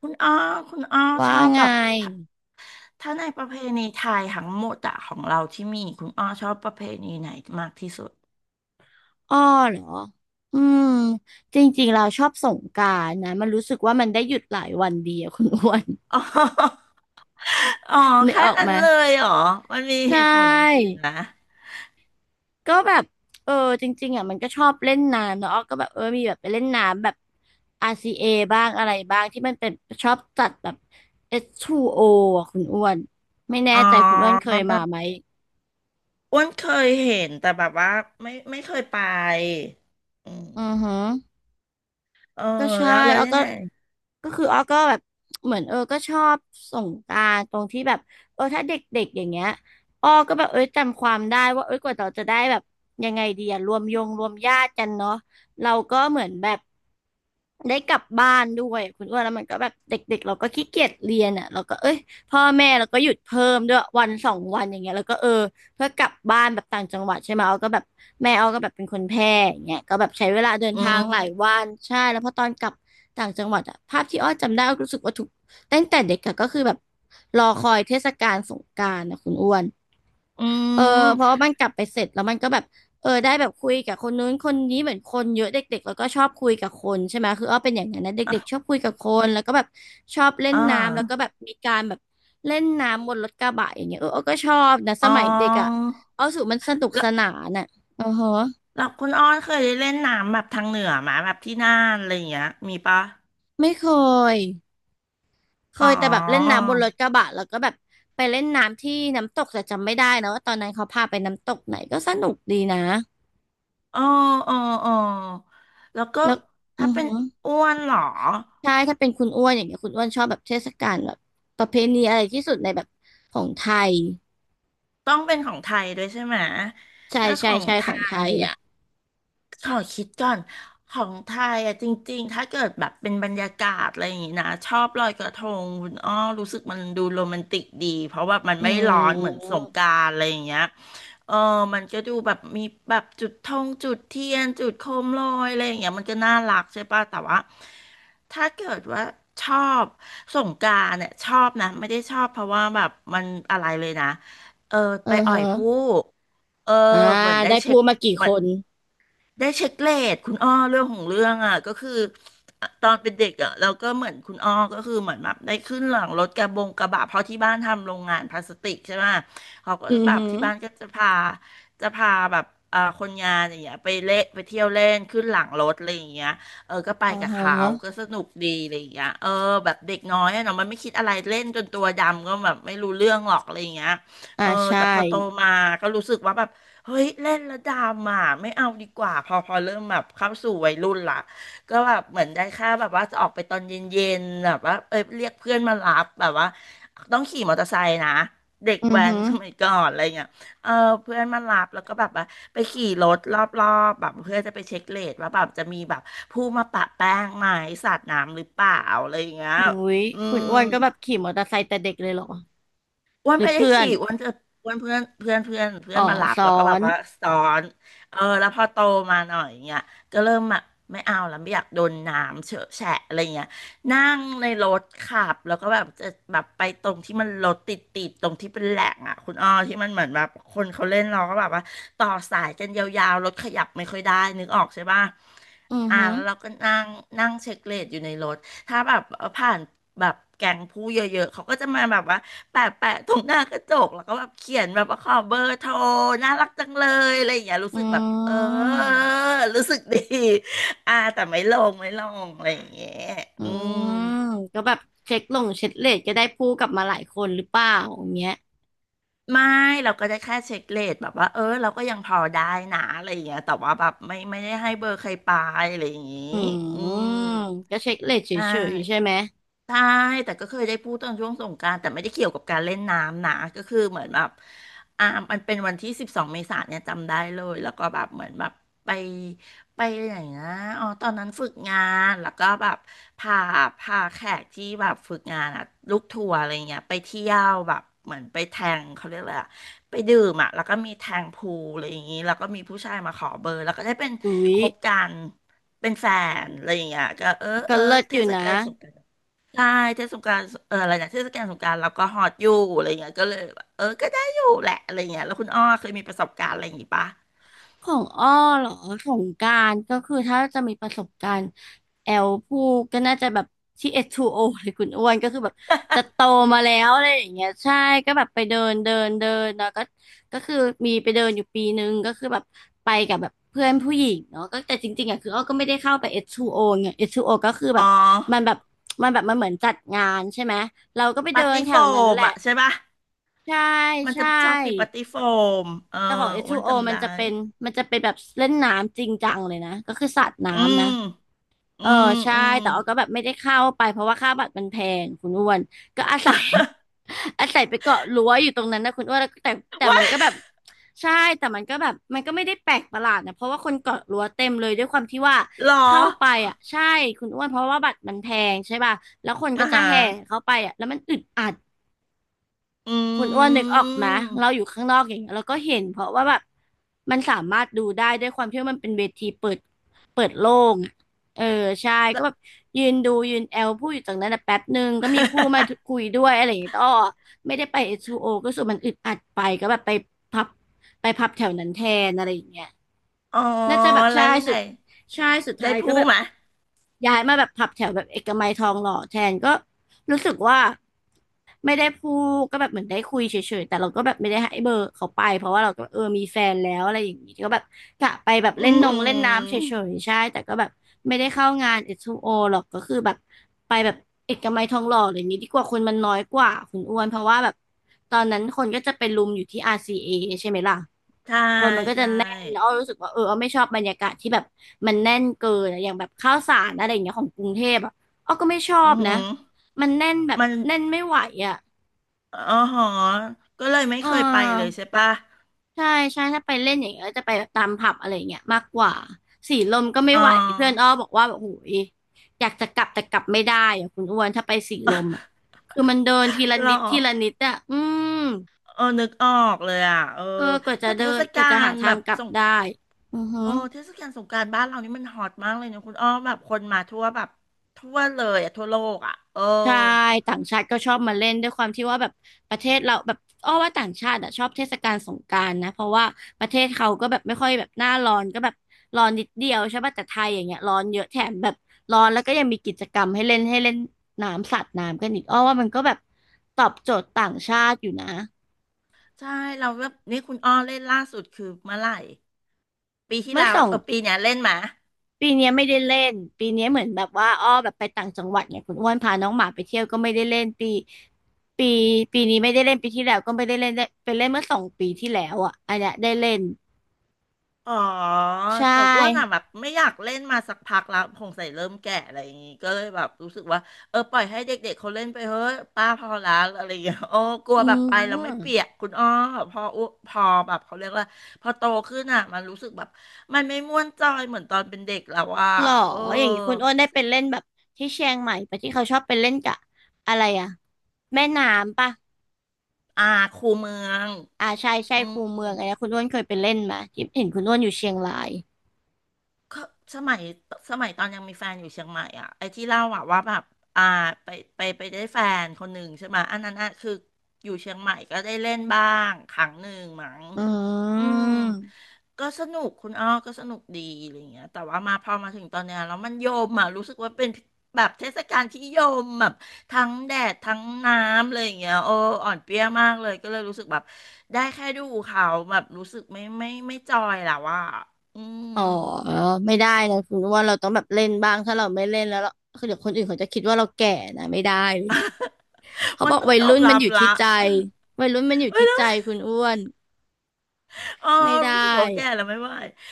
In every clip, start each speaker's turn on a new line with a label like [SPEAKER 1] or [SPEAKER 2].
[SPEAKER 1] คุณอ้อคุณอ้อช
[SPEAKER 2] ว่า
[SPEAKER 1] อบ
[SPEAKER 2] ไง
[SPEAKER 1] แบบถ้าถ้าในประเพณีไทยทั้งหมดอะของเราที่มีคุณอ้อชอบประเพณีไหนมากที่สุด
[SPEAKER 2] อ้อเหรออืมจริงๆเราชอบสงกรานต์นะมันรู้สึกว่ามันได้หยุดหลายวันดีอะ คุณอ้วน
[SPEAKER 1] อ๋อ อ๋อ
[SPEAKER 2] นึก
[SPEAKER 1] แค่
[SPEAKER 2] ออก
[SPEAKER 1] นั้น
[SPEAKER 2] มา
[SPEAKER 1] เลยเหรอมันมีเห
[SPEAKER 2] ใช่
[SPEAKER 1] ตุผลอย่างอื่นนะ
[SPEAKER 2] ก็แบบเออจริงๆอ่ะมันก็ชอบเล่นน้ำเนาะอ้อก็แบบมีแบบไปเล่นน้ำแบบ RCA บ้างอะไรบ้างที่มันเป็นชอบจัดแบบ s 2 o อคุณอ้วนไม่แน่
[SPEAKER 1] อ๋
[SPEAKER 2] ใจคุณอ้วนเค
[SPEAKER 1] อ
[SPEAKER 2] ยมาไหม
[SPEAKER 1] อ้วนเคยเห็นแต่แบบว่าไม่เคยไปอื
[SPEAKER 2] อือ
[SPEAKER 1] ม
[SPEAKER 2] หือ
[SPEAKER 1] เออ
[SPEAKER 2] ก็ใช่
[SPEAKER 1] แล้ว
[SPEAKER 2] อ้อ
[SPEAKER 1] ยัง
[SPEAKER 2] ก็
[SPEAKER 1] ไง
[SPEAKER 2] ก็คืออ้อก็แบบเหมือนก็ชอบสงกรานต์ตรงที่แบบถ้าเด็กๆอย่างเงี้ยอ้อก็แบบเอ้ยจำความได้ว่าเอ้ยกว่าเราจะได้แบบยังไงดีอะรวมยงรวมญาติกันเนาะเราก็เหมือนแบบได้กลับบ้านด้วยคุณอ้วนแล้วมันก็แบบเด็กๆเราก็ขี้เกียจเรียนอ่ะเราก็เอ้ยพ่อแม่เราก็หยุดเพิ่มด้วยวันสองวันอย่างเงี้ยแล้วก็เพื่อกลับบ้านแบบต่างจังหวัดใช่ไหมเอาก็แบบแม่เอาก็แบบเป็นคนแพร่อย่างเงี้ยก็แบบใช้เวลาเดิน
[SPEAKER 1] อื
[SPEAKER 2] ทางหลาย
[SPEAKER 1] ม
[SPEAKER 2] วันใช่แล้วพอตอนกลับต่างจังหวัดอะภาพที่อ้อจำได้อ้อรู้สึกว่าทุกตั้งแต่เด็กอะก็คือแบบรอคอยเทศกาลสงกรานต์นะคุณอ้วน
[SPEAKER 1] อื
[SPEAKER 2] เออเพราะว่า
[SPEAKER 1] ม
[SPEAKER 2] มันกลับไปเสร็จแล้วมันก็แบบได้แบบคุยกับคนนู้นคนนี้เหมือนคนเยอะเด็กๆแล้วก็ชอบคุยกับคนใช่ไหมคืออ้อเป็นอย่างนั้นนะเด็กๆชอ
[SPEAKER 1] อ่ะ
[SPEAKER 2] บคุยกับคนแล้วก็แบบชอบเล่น
[SPEAKER 1] อ
[SPEAKER 2] น้ำแล้วก็
[SPEAKER 1] า
[SPEAKER 2] แบบมีการแบบเล่นน้ำบนรถกระบะอย่างเงี้ยอ้อก็ชอบนะส
[SPEAKER 1] อ๋อ
[SPEAKER 2] มัยเด็กอ่ะอ้อรู้สูมันสนุก
[SPEAKER 1] แล้
[SPEAKER 2] ส
[SPEAKER 1] ว
[SPEAKER 2] นานอ่ะอือฮะ
[SPEAKER 1] แล้วคุณอ้อเคยได้เล่นน้ำแบบทางเหนือไหมาแบบที่น่านอะไรอย่างเงี้ยมีปะ
[SPEAKER 2] ไม่เคยเค
[SPEAKER 1] อ๋อ
[SPEAKER 2] ยแต่แบบเล่นน้ำบนรถกระบะแล้วก็แบบไปเล่นน้ำที่น้ำตกแต่จำไม่ได้นะว่าตอนนั้นเขาพาไปน้ำตกไหนก็สนุกดีนะ
[SPEAKER 1] เออเออเออแล้วก็
[SPEAKER 2] แล้วอื
[SPEAKER 1] ถ้า
[SPEAKER 2] อ
[SPEAKER 1] เป็
[SPEAKER 2] ฮึ
[SPEAKER 1] นอ้วนเหรอ
[SPEAKER 2] ใช่ถ้าเป็นคุณอ้วนอย่างเงี้ยคุณอ้วนชอบแบบเทศกาลแบบประเพณีอะไรที่สุดในแบบของไทย
[SPEAKER 1] ต้องเป็นของไทยด้วยใช่ไหม
[SPEAKER 2] ใช่
[SPEAKER 1] ถ้าข
[SPEAKER 2] ใช่
[SPEAKER 1] อง
[SPEAKER 2] ใช่
[SPEAKER 1] ไท
[SPEAKER 2] ของไท
[SPEAKER 1] ย
[SPEAKER 2] ย
[SPEAKER 1] ขอคิดก่อนของไทยอะจริงๆ ถ้าเกิดแบบเป็นบรรยากาศอะไรอย่างงี้นะชอบลอยกระทงคุณอ้อรู้สึกมันดูโรแมนติกดีเพราะว่ามัน
[SPEAKER 2] อื
[SPEAKER 1] ไม่ร้อนเหมือนส
[SPEAKER 2] ม
[SPEAKER 1] งกรานต์อะไรอย่างเงี้ยเออมันก็ดูแบบมีแบบจุดธงจุดเทียนจุดโคมลอยอะไรอย่างเงี้ยมันก็น่ารักใช่ป่ะแต่ว่าถ้าเกิดว่าชอบสงกรานต์เนี่ยชอบนะไม่ได้ชอบเพราะว่าแบบมันอะไรเลยนะเออไปอ่อ
[SPEAKER 2] ฮะ
[SPEAKER 1] ยผู้เออ
[SPEAKER 2] อ่า
[SPEAKER 1] เหมือนได้
[SPEAKER 2] ได้
[SPEAKER 1] เช็
[SPEAKER 2] พู
[SPEAKER 1] ค
[SPEAKER 2] ดมากี่คน
[SPEAKER 1] ได้เช็คเลทคุณอ้อเรื่องของเรื่องอ่ะก็คืออ่ะตอนเป็นเด็กอ่ะเราก็เหมือนคุณอ้อก็คือเหมือนแบบได้ขึ้นหลังรถกระบะเพราะที่บ้านทำโรงงานพลาสติกใช่ไหมเขาก็
[SPEAKER 2] อือ
[SPEAKER 1] แบบ
[SPEAKER 2] ฮึ
[SPEAKER 1] ที่บ้านก็จะพาแบบอ่าคนงานอย่างเงี้ยไปเล่นไปเที่ยวเล่นขึ้นหลังรถอะไรอย่างเงี้ยเออก็ไป
[SPEAKER 2] อ๋อ
[SPEAKER 1] กับ
[SPEAKER 2] ฮ
[SPEAKER 1] เขา
[SPEAKER 2] ะ
[SPEAKER 1] ก็สนุกดีอะไรอย่างเงี้ยเออแบบเด็กน้อยอะเนาะมันไม่คิดอะไรเล่นจนตัวดำก็แบบไม่รู้เรื่องหรอกอะไรอย่างเงี้ยเออ
[SPEAKER 2] ใช่
[SPEAKER 1] แต่พอโตมาก็รู้สึกว่าแบบ เฮ้ยเล่นแล้วดอ่ะไม่เอาดีกว่าพอเริ่มแบบเข้าสู่วัยรุ่นละก็แบบเหมือนได้แค่แบบว่าจะออกไปตอนเย็นๆแบบว่าเออเรียกเพื่อนมารับแบบว่าต้องขี่มอเตอร์ไซค์นะเด็ก
[SPEAKER 2] อือ
[SPEAKER 1] แว้น
[SPEAKER 2] ฮึ
[SPEAKER 1] สมัยก่อนอะไรเงี้ยเออเพื่อนมารับแล้วก็แบบว่าไปขี่รถรอบๆแบบเพื่อจะไปเช็คเรทว่าแบบจะมีแบบผู้มาปะแป้งไหมสาดน้ำหรือเปล่าอะไรอย่างเงี้ย
[SPEAKER 2] อุ้ย
[SPEAKER 1] อื
[SPEAKER 2] คุณ
[SPEAKER 1] ม
[SPEAKER 2] อ้วนก็แบบขี่มอเตอร์ไซค์แต่เด็กเลยเหรอ
[SPEAKER 1] อ้วน
[SPEAKER 2] หรือ
[SPEAKER 1] ไม่ได้
[SPEAKER 2] เพื่อน
[SPEAKER 1] ขี่อ้วนจะอ้วนเพื่อนเพื่อนเพื่อนเพื่
[SPEAKER 2] อ๋
[SPEAKER 1] อ
[SPEAKER 2] อ
[SPEAKER 1] นมาหลับ
[SPEAKER 2] ซ้อ
[SPEAKER 1] แล้วก็แบบ
[SPEAKER 2] น
[SPEAKER 1] ว่าสอนเออแล้วพอโตมาหน่อยเงี้ยก็เริ่มแบบไม่เอาแล้วไม่อยากโดนน้ำเฉอะแฉะอะไรเงี้ยนั่งในรถขับแล้วก็แบบจะแบบไปตรงที่มันรถติดตรงที่เป็นแหล่งอ่ะคุณอ้อที่มันเหมือนแบบคนเขาเล่นเราก็แบบว่าต่อสายกันยาวๆรถขยับไม่ค่อยได้นึกออกใช่ป่ะ
[SPEAKER 2] อือ
[SPEAKER 1] อ่า
[SPEAKER 2] ฮึ
[SPEAKER 1] แล้วเราก็นั่งนั่งเช็คเรทอยู่ในรถถ้าแบบผ่านแบบแก๊งผู้เยอะๆเขาก็จะมาแบบว่า แปะตรงหน้ากระจกแล้วก็แบบเขียนแบบว่าขอเบอร์โทรน่ารักจังเลยอะไรอย่างเงี้ยรู้
[SPEAKER 2] อื
[SPEAKER 1] สึกแบบเออ
[SPEAKER 2] ม
[SPEAKER 1] รู้สึกดี อ่าแต่ไม่ลงอะไรอย่างเงี้ย
[SPEAKER 2] อื
[SPEAKER 1] อืม
[SPEAKER 2] มก็แบบเช็คลงเช็คเลทก็ได้พูดกลับมาหลายคนหรือเปล่าอย่างเงี้ย
[SPEAKER 1] ไม่เราก็ได้แค่เช็คเรทแบบว่าเออเราก็ยังพอได้นะอะไรอย่างเงี้ยแต่ว่าแบบไม่ได้ให้เบอร์ใครไปอะไรอย่างงี้
[SPEAKER 2] อื
[SPEAKER 1] อืม
[SPEAKER 2] มก็เช็คเลทเฉ
[SPEAKER 1] ได้
[SPEAKER 2] ยๆใช่ไหม
[SPEAKER 1] ใช่แต่ก็เคยได้พูดตอนช่วงสงกรานต์แต่ไม่ได้เกี่ยวกับการเล่นน้ำนะ ก็คือเหมือนแบบอ่ามันเป็นวันที่12เมษายนเนี่ยจำได้เลย แล้วก็แบบเหมือนแบบไปไปไหนนะอ๋อตอนนั้นฝึกงานแล้วก็แบบพาพาแขกที่แบบฝึกงานอะลูกทัวร์อะไรเงี้ยไปเที่ยวแบบเหมือนไปแทงเขาเรียกอะไรอะ ไปดื่มอ่ะแล้วก็มีแทงพูลอะไรอย่างนี้แล้วก็มีผู้ชายมาขอเบอร์แล้วก็ได้เป็น
[SPEAKER 2] อุ้ย
[SPEAKER 1] คบกันเป็นแฟนอะไรอย่างเงี้ยก็เออ
[SPEAKER 2] ก็
[SPEAKER 1] เออ
[SPEAKER 2] เลิศ
[SPEAKER 1] เท
[SPEAKER 2] อยู่
[SPEAKER 1] ศ
[SPEAKER 2] นะ
[SPEAKER 1] กาลสงกรานต์ใช่เทศกาลเอออะไรนะเทศกาลสงกรานต์เราก็ฮอตอยู่อะไรอย่างเงี้ยก็เลยแบบเออก็ได้อยู่แหละอะไรอย่างเงี้ยแล้วคุณอ้อเคยมีประสบการณ์อะไรอย่างงี้ปะ
[SPEAKER 2] ของอ้อเหรอของการก็คือถ้าจะมีประสบการณ์แอลพูดก็น่าจะแบบที่เอชทู2 o เลยคุณอ้วนก็คือแบบจะโตมาแล้วอะไรอย่างเงี้ยใช่ก็แบบไปเดินเดินเดินเนาะก็ก็คือมีไปเดินอยู่ปีนึงก็คือแบบไปกับแบบเพื่อนผู้หญิงเนาะก็แต่จริงๆอ่ะคืออ้อก็ไม่ได้เข้าไปเอชทู2 o ไงเอ้ทู2 o ก็คือแบ
[SPEAKER 1] อ๋อ
[SPEAKER 2] บมันแบบมันเหมือนจัดงานใช่ไหมเราก็ไป
[SPEAKER 1] ปา
[SPEAKER 2] เดิ
[SPEAKER 1] ร์
[SPEAKER 2] น
[SPEAKER 1] ตี้
[SPEAKER 2] แถ
[SPEAKER 1] โฟ
[SPEAKER 2] วนั้น
[SPEAKER 1] ม
[SPEAKER 2] แหละ
[SPEAKER 1] อ่ะใช่ปะ
[SPEAKER 2] ใช่
[SPEAKER 1] มัน
[SPEAKER 2] ใช
[SPEAKER 1] จะชอบมีปา
[SPEAKER 2] ่
[SPEAKER 1] ร์ตี้โฟมเออ
[SPEAKER 2] แต่ของเอช
[SPEAKER 1] อ้
[SPEAKER 2] ทู
[SPEAKER 1] วัน
[SPEAKER 2] โ o
[SPEAKER 1] จำได้
[SPEAKER 2] มันจะเป็นแบบเล่นน้ำจริงจังเลยนะก็คือสาด
[SPEAKER 1] อื
[SPEAKER 2] น้ำ
[SPEAKER 1] ม
[SPEAKER 2] นะ
[SPEAKER 1] อื
[SPEAKER 2] เออ
[SPEAKER 1] ม
[SPEAKER 2] ใช่
[SPEAKER 1] อืม
[SPEAKER 2] แต่ออก็แบบไม่ได้เข้าไปเพราะว่าค่าบัตรมันแพงคุณอ้วนก็อาศัย อาศัยไปเกาะรั้วอยู่ตรงนั้นนะคุณอ้วนแล้วแต่แต่
[SPEAKER 1] ว่า
[SPEAKER 2] มันก็แบบใช่แต่มันก็แบบมันก็ไม่ได้แปลกประหลาดนะเพราะว่าคนเกาะรั้วเต็มเลยด้วยความที่ว่า
[SPEAKER 1] หรอ
[SPEAKER 2] เข้าไปอ่ะใช่คุณอ้วนเพราะว่าบัตรมันแพงใช่ป่ะแล้วคน
[SPEAKER 1] อ่า
[SPEAKER 2] ก็จะ
[SPEAKER 1] ฮะ
[SPEAKER 2] แห่เข้าไปอ่ะแล้วมันอึดอัด
[SPEAKER 1] อ
[SPEAKER 2] คุณอ้วน
[SPEAKER 1] ื
[SPEAKER 2] นึกออกไหม
[SPEAKER 1] ม
[SPEAKER 2] เราอยู่ข้างนอกอย่างเงี้ยเราก็เห็นเพราะว่าแบบมันสามารถดูได้ด้วยความที่ว่ามันเป็นเวทีเปิดเปิดโล่งอะเออใช่
[SPEAKER 1] แล้
[SPEAKER 2] ก็
[SPEAKER 1] ว
[SPEAKER 2] แบบยืนดูยืนแอลพูดอยู่ตรงนั้นนะแป๊บหนึ่งก็มีผู้มา คุยด้วยอะไรอย่างเงี้ยต่อไม่ได้ไป S2O ก็รู้สึกมันอึดอัดไปก็แบบไปพับไปพับแถวนั้นแทนอะไรอย่างเงี้ย
[SPEAKER 1] อ๋อ
[SPEAKER 2] น่าจะแบบ
[SPEAKER 1] แล้
[SPEAKER 2] ใช่
[SPEAKER 1] วยัง
[SPEAKER 2] สุ
[SPEAKER 1] ไง
[SPEAKER 2] ดใช่สุดท้า
[SPEAKER 1] ได้
[SPEAKER 2] ยก็
[SPEAKER 1] พูด
[SPEAKER 2] แบบ
[SPEAKER 1] ไหม
[SPEAKER 2] ย้ายมาแบบผับแถวแบบเอกมัยทองหล่อแทนก็รู้สึกว่าไม่ได้พูดก็แบบเหมือนได้คุยเฉยๆแต่เราก็แบบไม่ได้ให้เบอร์เขาไปเพราะว่าเราก็มีแฟนแล้วอะไรอย่างนี้ก็แบบกะไปแบบ
[SPEAKER 1] อื
[SPEAKER 2] เล่นนง
[SPEAKER 1] ม
[SPEAKER 2] เล่นน้ำเฉยๆใช่แต่ก็แบบไม่ได้เข้างานเอสทูโ o หรอกก็คือแบบไปแบบเอกมัยทองหล่ออะไรอย่างนี้ดีกว่าคนมันน้อยกว่าคุณอ้วนเพราะว่าแบบตอนนั้นคนก็จะไปรุมอยู่ที่ RCA ใช่ไหมล่ะ
[SPEAKER 1] ใช่
[SPEAKER 2] คนมันก็จะ
[SPEAKER 1] ใช่
[SPEAKER 2] แน่นแล้วอ้อรู้สึกว่าอ้อไม่ชอบบรรยากาศที่แบบมันแน่นเกินอะอย่างแบบข้าวสารอะไรอย่างเงี้ยของกรุงเทพอ่ะอ้อก็ไม่ชอ
[SPEAKER 1] อื
[SPEAKER 2] บนะ
[SPEAKER 1] ม
[SPEAKER 2] มันแน่นแบบ
[SPEAKER 1] มัน
[SPEAKER 2] แน่นไม่ไหวอ่ะ
[SPEAKER 1] อ๋อหอก็เลยไม่
[SPEAKER 2] เอ
[SPEAKER 1] เคยไปเลย
[SPEAKER 2] อ
[SPEAKER 1] ใช่ปะ
[SPEAKER 2] ใช่ใช่ถ้าไปเล่นอย่างเงี้ยจะไปแบบตามผับอะไรอย่างเงี้ยมากกว่าสีลมก็ไม่
[SPEAKER 1] อ๋อ
[SPEAKER 2] ไหวเพื่อนอ้อบอกว่าแบบโอ้ยอยากจะกลับแต่กลับไม่ได้อ่ะคุณอ้วนถ้าไปสีลมอ่ะคือมันเดินทีละ
[SPEAKER 1] หรอ
[SPEAKER 2] นิดทีละนิดอ่ะอืม
[SPEAKER 1] เออนึกออกเลยอ่ะเออ
[SPEAKER 2] เออกว่าจะ
[SPEAKER 1] แต่เท
[SPEAKER 2] เดิน
[SPEAKER 1] ศ
[SPEAKER 2] ก
[SPEAKER 1] กา
[SPEAKER 2] ว่าจะ
[SPEAKER 1] ล
[SPEAKER 2] หาทา
[SPEAKER 1] แบ
[SPEAKER 2] ง
[SPEAKER 1] บ
[SPEAKER 2] กลับ
[SPEAKER 1] สง
[SPEAKER 2] ได้อือฮึ
[SPEAKER 1] โอ้เทศกาลสงกรานต์บ้านเรานี่มันฮอตมากเลยนะคุณอ้อแบบคนมาทั่วแบบทั่วเลยอ่ะทั่วโลกอ่ะเออ
[SPEAKER 2] ใช่ต่างชาติก็ชอบมาเล่นด้วยความที่ว่าแบบประเทศเราแบบอ้อว่าต่างชาติอ่ะชอบเทศกาลสงกรานต์นะเพราะว่าประเทศเขาก็แบบไม่ค่อยแบบหน้าร้อนก็แบบร้อนนิดเดียวใช่ป่ะแต่ไทยอย่างเงี้ยร้อนเยอะแถมแบบร้อนแล้วก็ยังมีกิจกรรมให้เล่นน้ำสาดน้ำกันอีกอ้อว่ามันก็แบบตอบโจทย์ต่างชาติอยู่นะ
[SPEAKER 1] ใช่เราแบบนี่คุณอ้อเล่นล่าสุดคือเมื่อไหร่ปีที่
[SPEAKER 2] เมื่อ
[SPEAKER 1] แล้
[SPEAKER 2] ส
[SPEAKER 1] ว
[SPEAKER 2] อง
[SPEAKER 1] เออปีเนี้ยเล่นมา
[SPEAKER 2] ปีเนี้ยไม่ได้เล่นปีเนี้ยเหมือนแบบว่าอ้อแบบไปต่างจังหวัดเน่ยคุณอ้วนพาน้องหมาไปเที่ยวก็ไม่ได้เล่นปีปีนี้ไม่ได้เล่นปีที่แล้วก็ไม่ได้เล่นได้ไปเล่นเมื่อสองปีที่แล้วอ่ะอันเนี้ยได้เล่น
[SPEAKER 1] อ๋อ
[SPEAKER 2] ใช
[SPEAKER 1] แต่อ้วนอ่ะ
[SPEAKER 2] ่
[SPEAKER 1] แบบไม่อยากเล่นมาสักพักแล้วคงใส่เริ่มแก่อะไรอย่างงี้ก็เลยแบบรู้สึกว่าเออปล่อยให้เด็กๆเขาเล่นไปเฮ้ยป้าพอละอะไรอย่างเงี้ย โอ้กลัว
[SPEAKER 2] อื
[SPEAKER 1] แบบไปแล้วไม่
[SPEAKER 2] ม
[SPEAKER 1] เปียกคุณอ้อพอแบบเขาเรียกว่าพอโตขึ้นอ่ะมันรู้สึกแบบมันไม่ม่วนจอยเหมือนตอนเป็นเด็กแล้วอ่ะ
[SPEAKER 2] หรอ
[SPEAKER 1] เออ
[SPEAKER 2] อย่างนี้คุณอ้วนได้ไปเล่นแบบที่เชียงใหม่ปะที่เขาชอบไปเล่นกับอะไรอ่ะแม่น้ำปะ
[SPEAKER 1] อาครูเมือง
[SPEAKER 2] อ่าใช่
[SPEAKER 1] อื
[SPEAKER 2] คูเมือ
[SPEAKER 1] ม
[SPEAKER 2] งอะไรนะคุณอ้วนเคยไปเล่นมาที่เห็นคุณอ้วนอยู่เชียงราย
[SPEAKER 1] ก็สมัยสมัยตอนยังมีแฟนอยู่เชียงใหม่อ่ะไอ้ที่เล่าอ่ะว่าแบบอ่าไปไปได้แฟนคนหนึ่งใช่ไหมยอันนั้นอ่ะคืออยู่เชียงใหม่ก็ได้เล่นบ้างครั้งหนึ่งมั้ง
[SPEAKER 2] อื
[SPEAKER 1] อืม
[SPEAKER 2] ม
[SPEAKER 1] ก็สนุกคุณอ้อก็สนุกดีอะไรเงี้ยแต่ว่ามาพอมาถึงตอนเนี้ยแล้วมันโยมอ่ะรู้สึกว่าเป็นแบบเทศกาลที่โยมแบบทั้งแดดทั้งน้ำเลยอย่างเงี้ยโอ้อ่อนเปรี้ยมากเลยก็เลยรู้สึกแบบได้แค่ดูเขาแบบรู้สึกไม่จอยแล้วว่าอืม
[SPEAKER 2] อ๋อไม่ได้นะคุณว่าเราต้องแบบเล่นบ้างถ้าเราไม่เล่นแล้วเราคือเดี๋ยวคนอื่นเขาจะคิดว่าเราแก่นะไม่ได้เลยเขา
[SPEAKER 1] วั
[SPEAKER 2] บ
[SPEAKER 1] น
[SPEAKER 2] อก
[SPEAKER 1] ต้อง
[SPEAKER 2] วัย
[SPEAKER 1] ยอ
[SPEAKER 2] รุ่
[SPEAKER 1] ม
[SPEAKER 2] น
[SPEAKER 1] รั
[SPEAKER 2] มัน
[SPEAKER 1] บ
[SPEAKER 2] อยู่
[SPEAKER 1] ละ
[SPEAKER 2] ที่ใจวัยรุ่นมันอยู่
[SPEAKER 1] ไม่
[SPEAKER 2] ที่ใจ
[SPEAKER 1] ได้
[SPEAKER 2] คุณอ้วน
[SPEAKER 1] อ๋อ
[SPEAKER 2] ไม่ได้
[SPEAKER 1] รู้สึกว่าแก่แล้วไม่ไหว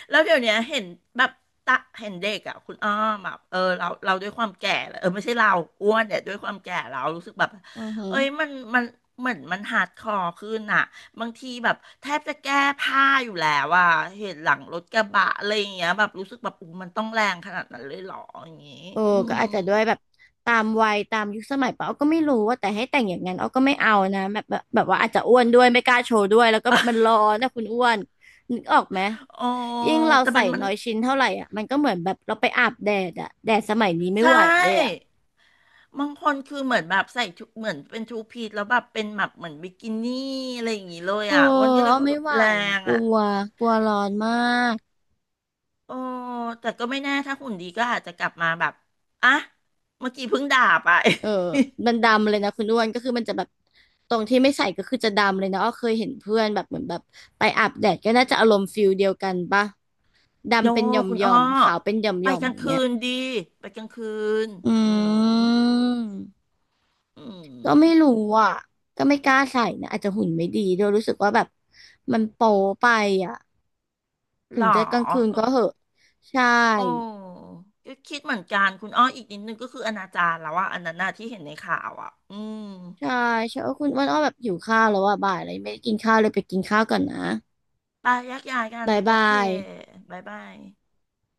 [SPEAKER 1] แล้วเดี๋ยวเนี้ยเห็นแบบตะเห็นเด็กอ่ะคุณอ้อมแบบเออเราด้วยความแก่แล้วเออไม่ใช่เราอ้วนเนี่ยด้วยความแก่เรารู้สึกแบบ
[SPEAKER 2] อือฮึ
[SPEAKER 1] เอ้ยมันเหมือนมันฮาร์ดคอร์ขึ้นอ่ะบางทีแบบแทบจะแก้ผ้าอยู่แล้วอ่ะเห็นหลังรถกระบะอะไรอย่างเงี้ยแบบรู้สึกแบบอู้มันต้องแรงขนาดนั้นเลยเหรออย่างงี้
[SPEAKER 2] โอ้
[SPEAKER 1] อื
[SPEAKER 2] ก็
[SPEAKER 1] ม
[SPEAKER 2] อาจจะด้วยแบบตามวัยตามยุคสมัยปะเอาก็ไม่รู้ว่าแต่ให้แต่งอย่างนั้นเอาก็ไม่เอานะแบบว่าอาจจะอ้วนด้วยไม่กล้าโชว์ด้วยแล้วก็มันร้อ นนะคุณอ้วนนึกออกไหม
[SPEAKER 1] ออ
[SPEAKER 2] ยิ่งเรา
[SPEAKER 1] แต่
[SPEAKER 2] ใส่
[SPEAKER 1] มัน
[SPEAKER 2] น้อยชิ้นเท่าไหร่อ่ะมันก็เหมือนแบบเราไปอาบแดดอ่ะแดดสมัยนี้ไม่
[SPEAKER 1] ใช่
[SPEAKER 2] ไหวเลยอ่ะ
[SPEAKER 1] บางคนคือเหมือนแบบใส่ชุดเหมือนเป็นทูพีซแล้วแบบเป็นแบบเหมือนบิกินี่อะไรอย่างงี้เลย
[SPEAKER 2] เออ
[SPEAKER 1] อ่ะอ้วนก็เลย
[SPEAKER 2] เอา
[SPEAKER 1] ว่า
[SPEAKER 2] ไม่
[SPEAKER 1] แบบ
[SPEAKER 2] ไหว
[SPEAKER 1] แรง
[SPEAKER 2] กลั
[SPEAKER 1] อ่ะ
[SPEAKER 2] วกลัวร้อนมาก
[SPEAKER 1] โอ้แต่ก็ไม่แน่ถ้าหุ่นดีก็อาจจะกลับมาแบบอ่ะเมื่อกี้เพิ่งด่าไป
[SPEAKER 2] เออมันดำเลยนะคุณอ้วนก็คือมันจะแบบตรงที่ไม่ใส่ก็คือจะดำเลยนะอ้อเคยเห็นเพื่อนแบบเหมือนแบบไปอาบแดดก็น่าจะอารมณ์ฟิลเดียวกันปะ
[SPEAKER 1] โน
[SPEAKER 2] ดำเป็นหย่อม
[SPEAKER 1] คุณ
[SPEAKER 2] หย่
[SPEAKER 1] อ้
[SPEAKER 2] อ
[SPEAKER 1] อ
[SPEAKER 2] มขาวเป็นหย่อมห
[SPEAKER 1] ไป
[SPEAKER 2] ย่อม
[SPEAKER 1] กลา
[SPEAKER 2] อ
[SPEAKER 1] ง
[SPEAKER 2] ย่าง
[SPEAKER 1] คื
[SPEAKER 2] เงี้ย
[SPEAKER 1] นดีไปกลางคืน
[SPEAKER 2] อื
[SPEAKER 1] อืม
[SPEAKER 2] ม
[SPEAKER 1] อื
[SPEAKER 2] ก็ไม่รู้
[SPEAKER 1] ม
[SPEAKER 2] อ่ะก็ไม่กล้าใส่นะอาจจะหุ่นไม่ดีด้วยรู้สึกว่าแบบมันโป๊ไปอ่ะ
[SPEAKER 1] ห
[SPEAKER 2] ถึ
[SPEAKER 1] ร
[SPEAKER 2] ง
[SPEAKER 1] อ
[SPEAKER 2] จะกลางคืน
[SPEAKER 1] เออ
[SPEAKER 2] ก็เหอะใช
[SPEAKER 1] โอ้
[SPEAKER 2] ่
[SPEAKER 1] ก็คิดเหมือนกันคุณอ้ออีกนิดนึงก็คืออนาจารแล้วว่าอะอันนั้นน่ะที่เห็นในข่าวอ่ะอืม
[SPEAKER 2] ใช่ใช่เออคุณอ้วนอ้อแบบหิวข้าวแล้วอ่ะบ่ายเลยไม่ได้กินข้าวเลยไปกินข้าวก่อนนะ
[SPEAKER 1] ไปแยกย้ายกัน
[SPEAKER 2] บาย
[SPEAKER 1] โอ
[SPEAKER 2] บา
[SPEAKER 1] เค
[SPEAKER 2] ย
[SPEAKER 1] บ๊ายบาย